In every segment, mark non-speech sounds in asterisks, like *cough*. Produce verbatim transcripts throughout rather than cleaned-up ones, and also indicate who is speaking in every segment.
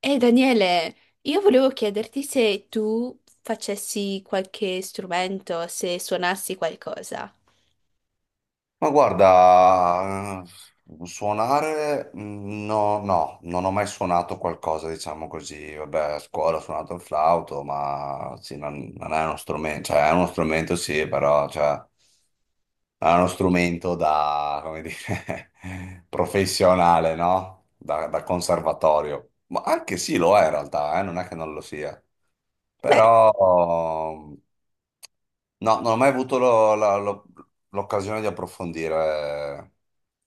Speaker 1: Ehi Daniele, io volevo chiederti se tu facessi qualche strumento, se suonassi qualcosa.
Speaker 2: Ma guarda, eh, suonare mm, no, no, non ho mai suonato qualcosa, diciamo così. Vabbè, a scuola ho suonato il flauto, ma sì, non, non è uno strumento, cioè è uno strumento sì, però cioè, è uno strumento da, come dire, *laughs* professionale, no? Da, da conservatorio. Ma anche sì, lo è in realtà, eh, non è che non lo sia.
Speaker 1: Beh,
Speaker 2: Però no, non ho mai avuto lo- la- lo- l'occasione di approfondire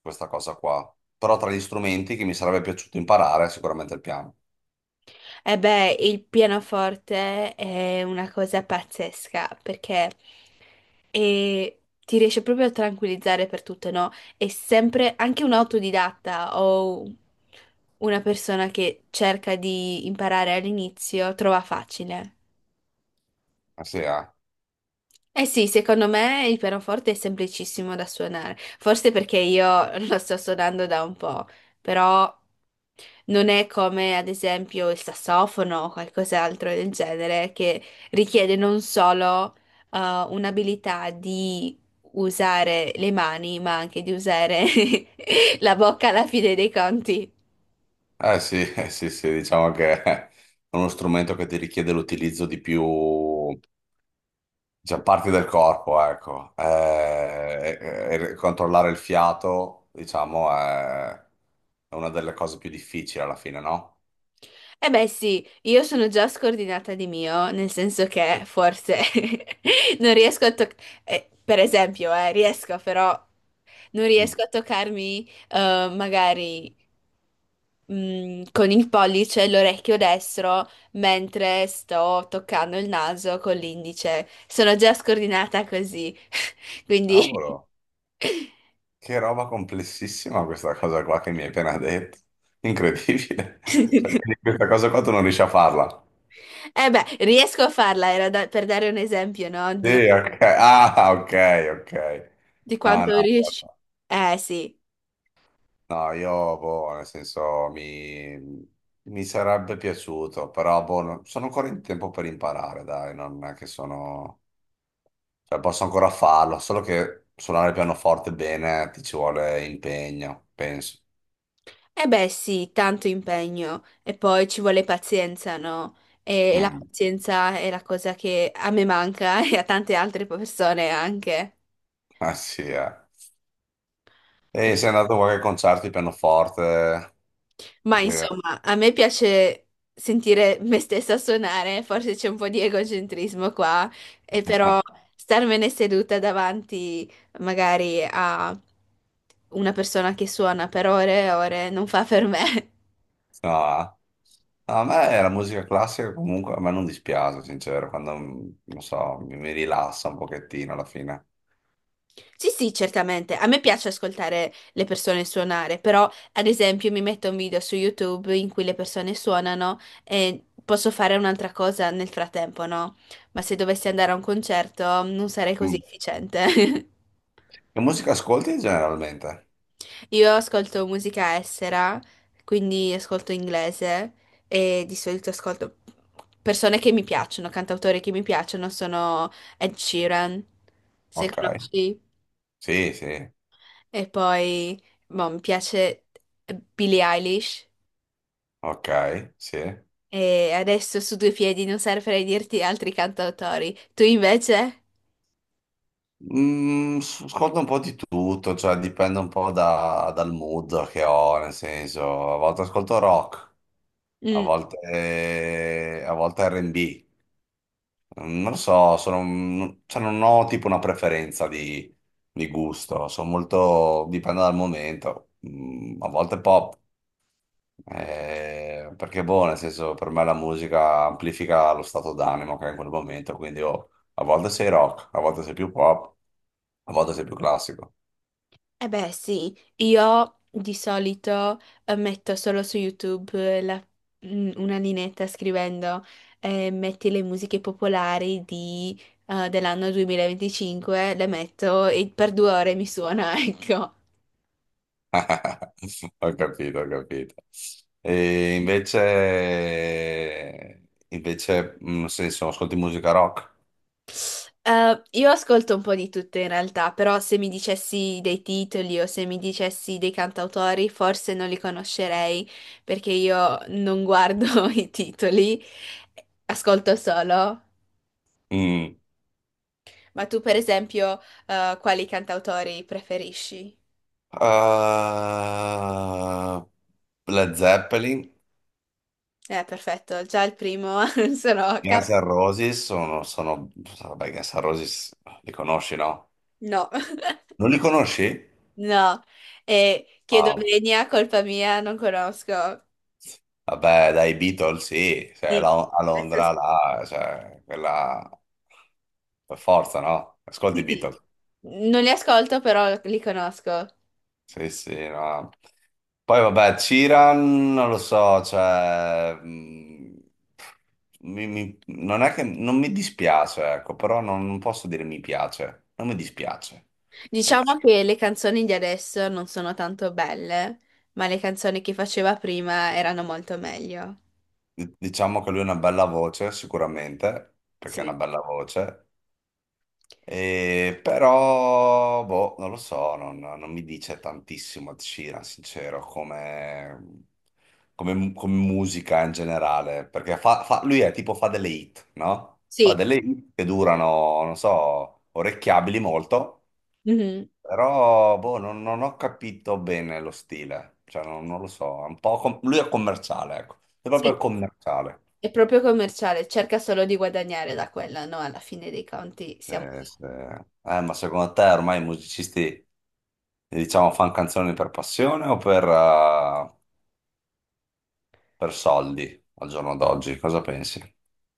Speaker 2: questa cosa qua. Però tra gli strumenti che mi sarebbe piaciuto imparare è sicuramente il piano.
Speaker 1: eh beh, il pianoforte è una cosa pazzesca perché eh, ti riesce proprio a tranquillizzare per tutto, no? È sempre anche un autodidatta o una persona che cerca di imparare all'inizio trova facile.
Speaker 2: Eh sì, eh.
Speaker 1: Eh sì, secondo me il pianoforte è semplicissimo da suonare, forse perché io *laughs* lo sto suonando da un po', però non è come ad esempio il sassofono o qualcos'altro del genere che richiede non solo eh, un'abilità di usare le mani, ma anche di usare *laughs* la bocca alla fine dei conti.
Speaker 2: Eh sì, *laughs* eh sì, sì, diciamo che è uno strumento che ti richiede l'utilizzo di più, cioè, parti del corpo, ecco. Eh, e- e controllare il fiato, diciamo, è è una delle cose più difficili alla fine, no?
Speaker 1: Eh beh sì, io sono già scordinata di mio, nel senso che forse *laughs* non riesco a toccare, per esempio, eh, riesco però, non
Speaker 2: Mm.
Speaker 1: riesco a toccarmi eh, magari mh, con il pollice l'orecchio destro mentre sto toccando il naso con l'indice. Sono già scordinata così, *laughs* quindi...
Speaker 2: Cavolo. Che roba complessissima questa cosa qua che mi hai appena detto. Incredibile. *laughs* Cioè,
Speaker 1: *laughs*
Speaker 2: quindi questa cosa qua tu non riesci a farla.
Speaker 1: Eh beh, riesco a farla, era da- per dare un esempio, no?
Speaker 2: Sì,
Speaker 1: Di,
Speaker 2: ok. Ah, ok, ok.
Speaker 1: di
Speaker 2: No, no,
Speaker 1: quanto riesci.
Speaker 2: guarda.
Speaker 1: Eh sì.
Speaker 2: No, io, boh, nel senso, mi, mi sarebbe piaciuto, però, boh, non- sono ancora in tempo per imparare, dai, non è che sono... Cioè, posso ancora farlo, solo che suonare il pianoforte bene ti ci vuole impegno, penso.
Speaker 1: Eh beh sì, tanto impegno e poi ci vuole pazienza, no? E, e la
Speaker 2: Mm.
Speaker 1: pazienza è la cosa che a me manca *laughs* e a tante altre persone anche.
Speaker 2: *laughs* Ah, sì, eh. E sei andato a qualche concerto di pianoforte?
Speaker 1: Ma
Speaker 2: Così.
Speaker 1: insomma, a me piace sentire me stessa suonare, forse c'è un po' di egocentrismo qua, e però
Speaker 2: *laughs*
Speaker 1: starmene seduta davanti magari a una persona che suona per ore e ore non fa per me. *laughs*
Speaker 2: No, no, a me la musica classica comunque a me non dispiace, sincero, quando mm, non so, mi, mi rilassa un pochettino alla fine.
Speaker 1: Sì, sì, certamente. A me piace ascoltare le persone suonare, però ad esempio mi metto un video su YouTube in cui le persone suonano e posso fare un'altra cosa nel frattempo, no? Ma se dovessi andare a un concerto non sarei così
Speaker 2: Mm.
Speaker 1: efficiente.
Speaker 2: Che musica ascolti generalmente?
Speaker 1: *laughs* Io ascolto musica estera, quindi ascolto inglese e di solito ascolto persone che mi piacciono, cantautori che mi piacciono sono Ed Sheeran, se
Speaker 2: Ok,
Speaker 1: conosci.
Speaker 2: sì, sì,
Speaker 1: E poi, boh, mi piace Billie Eilish.
Speaker 2: ok, sì.
Speaker 1: E adesso su due piedi non saprei dirti altri cantautori. Tu invece?
Speaker 2: Mm, s- ascolto un po' di tutto, cioè dipende un po' da- dal mood che ho, nel senso, a volte ascolto rock, a
Speaker 1: Mm.
Speaker 2: volte, a volte R and B. Ehm, Non lo so, sono, un- cioè non ho tipo una preferenza di, di gusto, sono molto, dipende dal momento. Mm, a volte pop, eh, perché boh, nel senso per me la musica amplifica lo stato d'animo che è in quel momento, quindi oh, a volte sei rock, a volte sei più pop, a volte sei più classico.
Speaker 1: Eh beh, sì, io di solito eh, metto solo su YouTube eh, la- mm, una linetta scrivendo eh, metti le musiche popolari di, eh, dell'anno duemilaventicinque, le metto e per due ore mi suona, *laughs* ecco.
Speaker 2: *laughs* Ho capito, ho capito. E invece, invece, mm, nel senso, ascolti musica rock?
Speaker 1: Eh, io ascolto un po' di tutto in realtà, però se mi dicessi dei titoli o se mi dicessi dei cantautori, forse non li conoscerei perché io non guardo *laughs* i titoli, ascolto solo.
Speaker 2: Mm.
Speaker 1: Ma tu, per esempio, eh, quali cantautori preferisci?
Speaker 2: Uh, Led Zeppelin,
Speaker 1: Eh, perfetto, già il primo *laughs* sono
Speaker 2: Guns
Speaker 1: cap-
Speaker 2: N' Roses sono, sono... Vabbè, Guns N' Roses li conosci, no?
Speaker 1: no, *laughs*
Speaker 2: Non li conosci?
Speaker 1: no, e chiedo
Speaker 2: Ah,
Speaker 1: venia, colpa mia, non conosco.
Speaker 2: vabbè, dai Beatles, sì. Cioè,
Speaker 1: Sì,
Speaker 2: la- a
Speaker 1: questo
Speaker 2: Londra,
Speaker 1: sì.
Speaker 2: là, cioè, quella... Per forza, no?
Speaker 1: Sì,
Speaker 2: Ascolti i
Speaker 1: sì.
Speaker 2: Beatles.
Speaker 1: Non li ascolto, però li conosco.
Speaker 2: Sì, sì, no. Poi vabbè, Ciran, non lo so, cioè, mh, mi- mi- non è che non mi dispiace, ecco, però non, non posso dire mi piace, non mi dispiace.
Speaker 1: Diciamo
Speaker 2: Dic-
Speaker 1: che le canzoni di adesso non sono tanto belle, ma le canzoni che faceva prima erano molto meglio.
Speaker 2: Diciamo che lui ha una bella voce, sicuramente, perché ha una
Speaker 1: Sì.
Speaker 2: bella voce. E però, boh, non lo so, non, non mi dice tantissimo Ed Sheeran, sincero, come, come- come musica in generale, perché fa- fa- lui è tipo fa delle hit, no? Fa
Speaker 1: Sì.
Speaker 2: delle hit che durano, non so, orecchiabili molto,
Speaker 1: Mhm.
Speaker 2: però, boh, non, non ho capito bene lo stile, cioè non, non lo so, è un po' com- lui è commerciale, ecco, è proprio
Speaker 1: Sì,
Speaker 2: commerciale.
Speaker 1: è proprio commerciale, cerca solo di guadagnare da quella, no? Alla fine dei conti siamo...
Speaker 2: Eh, se- eh, ma secondo te ormai i musicisti... Diciamo, fan canzoni per passione o per, eh, per soldi al giorno d'oggi? Cosa pensi?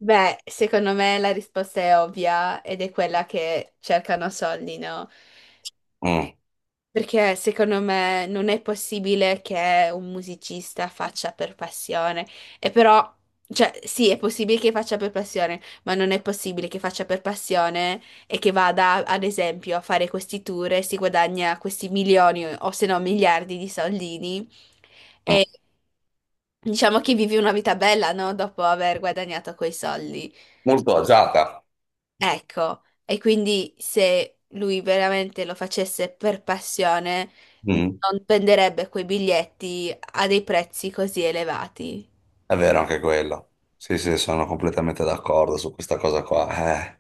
Speaker 1: Beh, secondo me la risposta è ovvia ed è quella che cercano soldi, no?
Speaker 2: Mm,
Speaker 1: Perché secondo me non è possibile che un musicista faccia per passione. E però, cioè, sì, è possibile che faccia per passione, ma non è possibile che faccia per passione e che vada, ad esempio, a fare questi tour e si guadagna questi milioni o se no miliardi di soldini.
Speaker 2: mm.
Speaker 1: E diciamo che vivi una vita bella, no? Dopo aver guadagnato quei soldi.
Speaker 2: Molto agiata.
Speaker 1: Ecco, e quindi se lui veramente lo facesse per passione,
Speaker 2: Mm.
Speaker 1: non venderebbe quei biglietti a dei prezzi così elevati.
Speaker 2: È vero anche quello. Sì, sì, sono completamente d'accordo su questa cosa qua. Eh,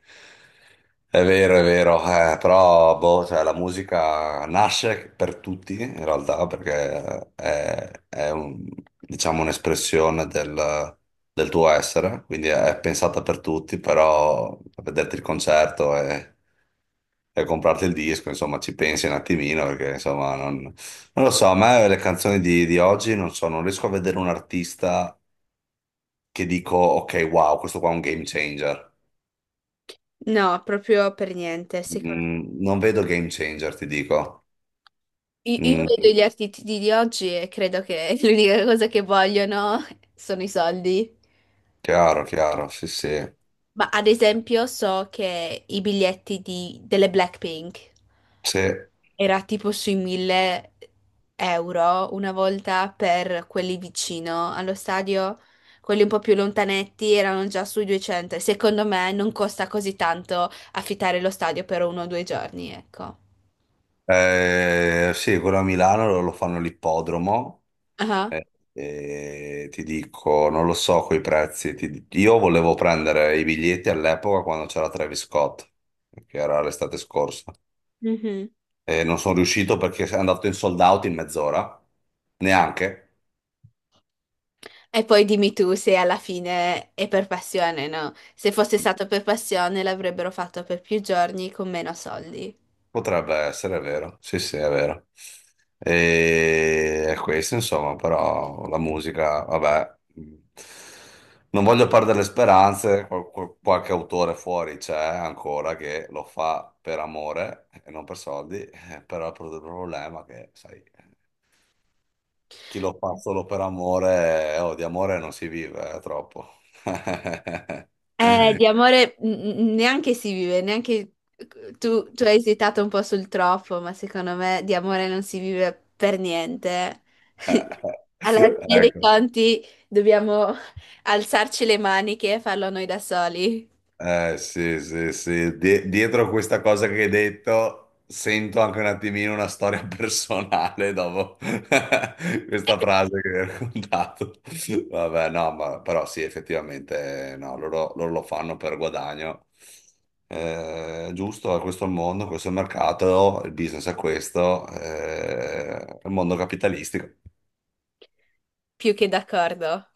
Speaker 2: è vero, è vero, eh, però boh, cioè, la musica nasce per tutti in realtà perché è, è un- diciamo, un'espressione del, del tuo essere, quindi è pensata per tutti, però a vederti il concerto e, e comprarti il disco, insomma, ci pensi un attimino perché insomma non, non lo so, a me le canzoni di, di oggi non so, non riesco a vedere un artista che dico, ok, wow, questo qua è un game changer.
Speaker 1: No, proprio per niente. Secondo...
Speaker 2: Mm, non vedo game changer, ti dico.
Speaker 1: I- Io vedo
Speaker 2: Mm,
Speaker 1: gli artisti di oggi e credo che *laughs* l'unica cosa che vogliono sono i soldi.
Speaker 2: chiaro, chiaro, sì, sì.
Speaker 1: Ma ad esempio so che i biglietti di- delle Blackpink
Speaker 2: Sì,
Speaker 1: era tipo sui mille euro una volta per quelli vicino allo stadio, quelli un po' più lontanetti erano già sui duecento. E secondo me non costa così tanto affittare lo stadio per uno o due giorni, ecco.
Speaker 2: eh, sì, quello a Milano lo, lo fanno all'ippodromo.
Speaker 1: Ah,
Speaker 2: Eh, e ti dico, non lo so coi prezzi. Ti- io volevo prendere i biglietti all'epoca quando c'era Travis Scott, che era l'estate scorsa.
Speaker 1: mhm.
Speaker 2: E non sono riuscito perché è andato in sold out in mezz'ora, neanche.
Speaker 1: E poi dimmi tu se alla fine è per passione, no? Se fosse stato per passione l'avrebbero fatto per più giorni con meno soldi.
Speaker 2: Potrebbe essere, è vero. Sì, sì, è vero. E è questo, insomma, però la musica, vabbè, mh, non voglio perdere le speranze, qual- qual- qualche autore fuori c'è ancora che lo fa per amore e non per soldi, *laughs* eh, però il pro- il problema è che, sai, chi lo fa solo per amore, eh, oh, di amore non si vive, eh, troppo. *laughs*
Speaker 1: Eh, di amore mm, mm, neanche si vive, neanche tu, tu hai esitato un po' sul troppo, ma secondo me di amore non si vive per niente. *laughs* Alla fine dei
Speaker 2: Ecco.
Speaker 1: conti dobbiamo alzarci le maniche e farlo noi da soli,
Speaker 2: Eh, sì, sì, sì. Die- dietro questa cosa che hai detto, sento anche un attimino una storia personale dopo *laughs* questa
Speaker 1: *laughs*
Speaker 2: frase che hai raccontato. Vabbè, no, ma, però sì, effettivamente, no, loro, loro lo fanno per guadagno. Eh, giusto, questo è il mondo, questo è il mercato, il business è questo, eh, è il mondo capitalistico.
Speaker 1: più che d'accordo.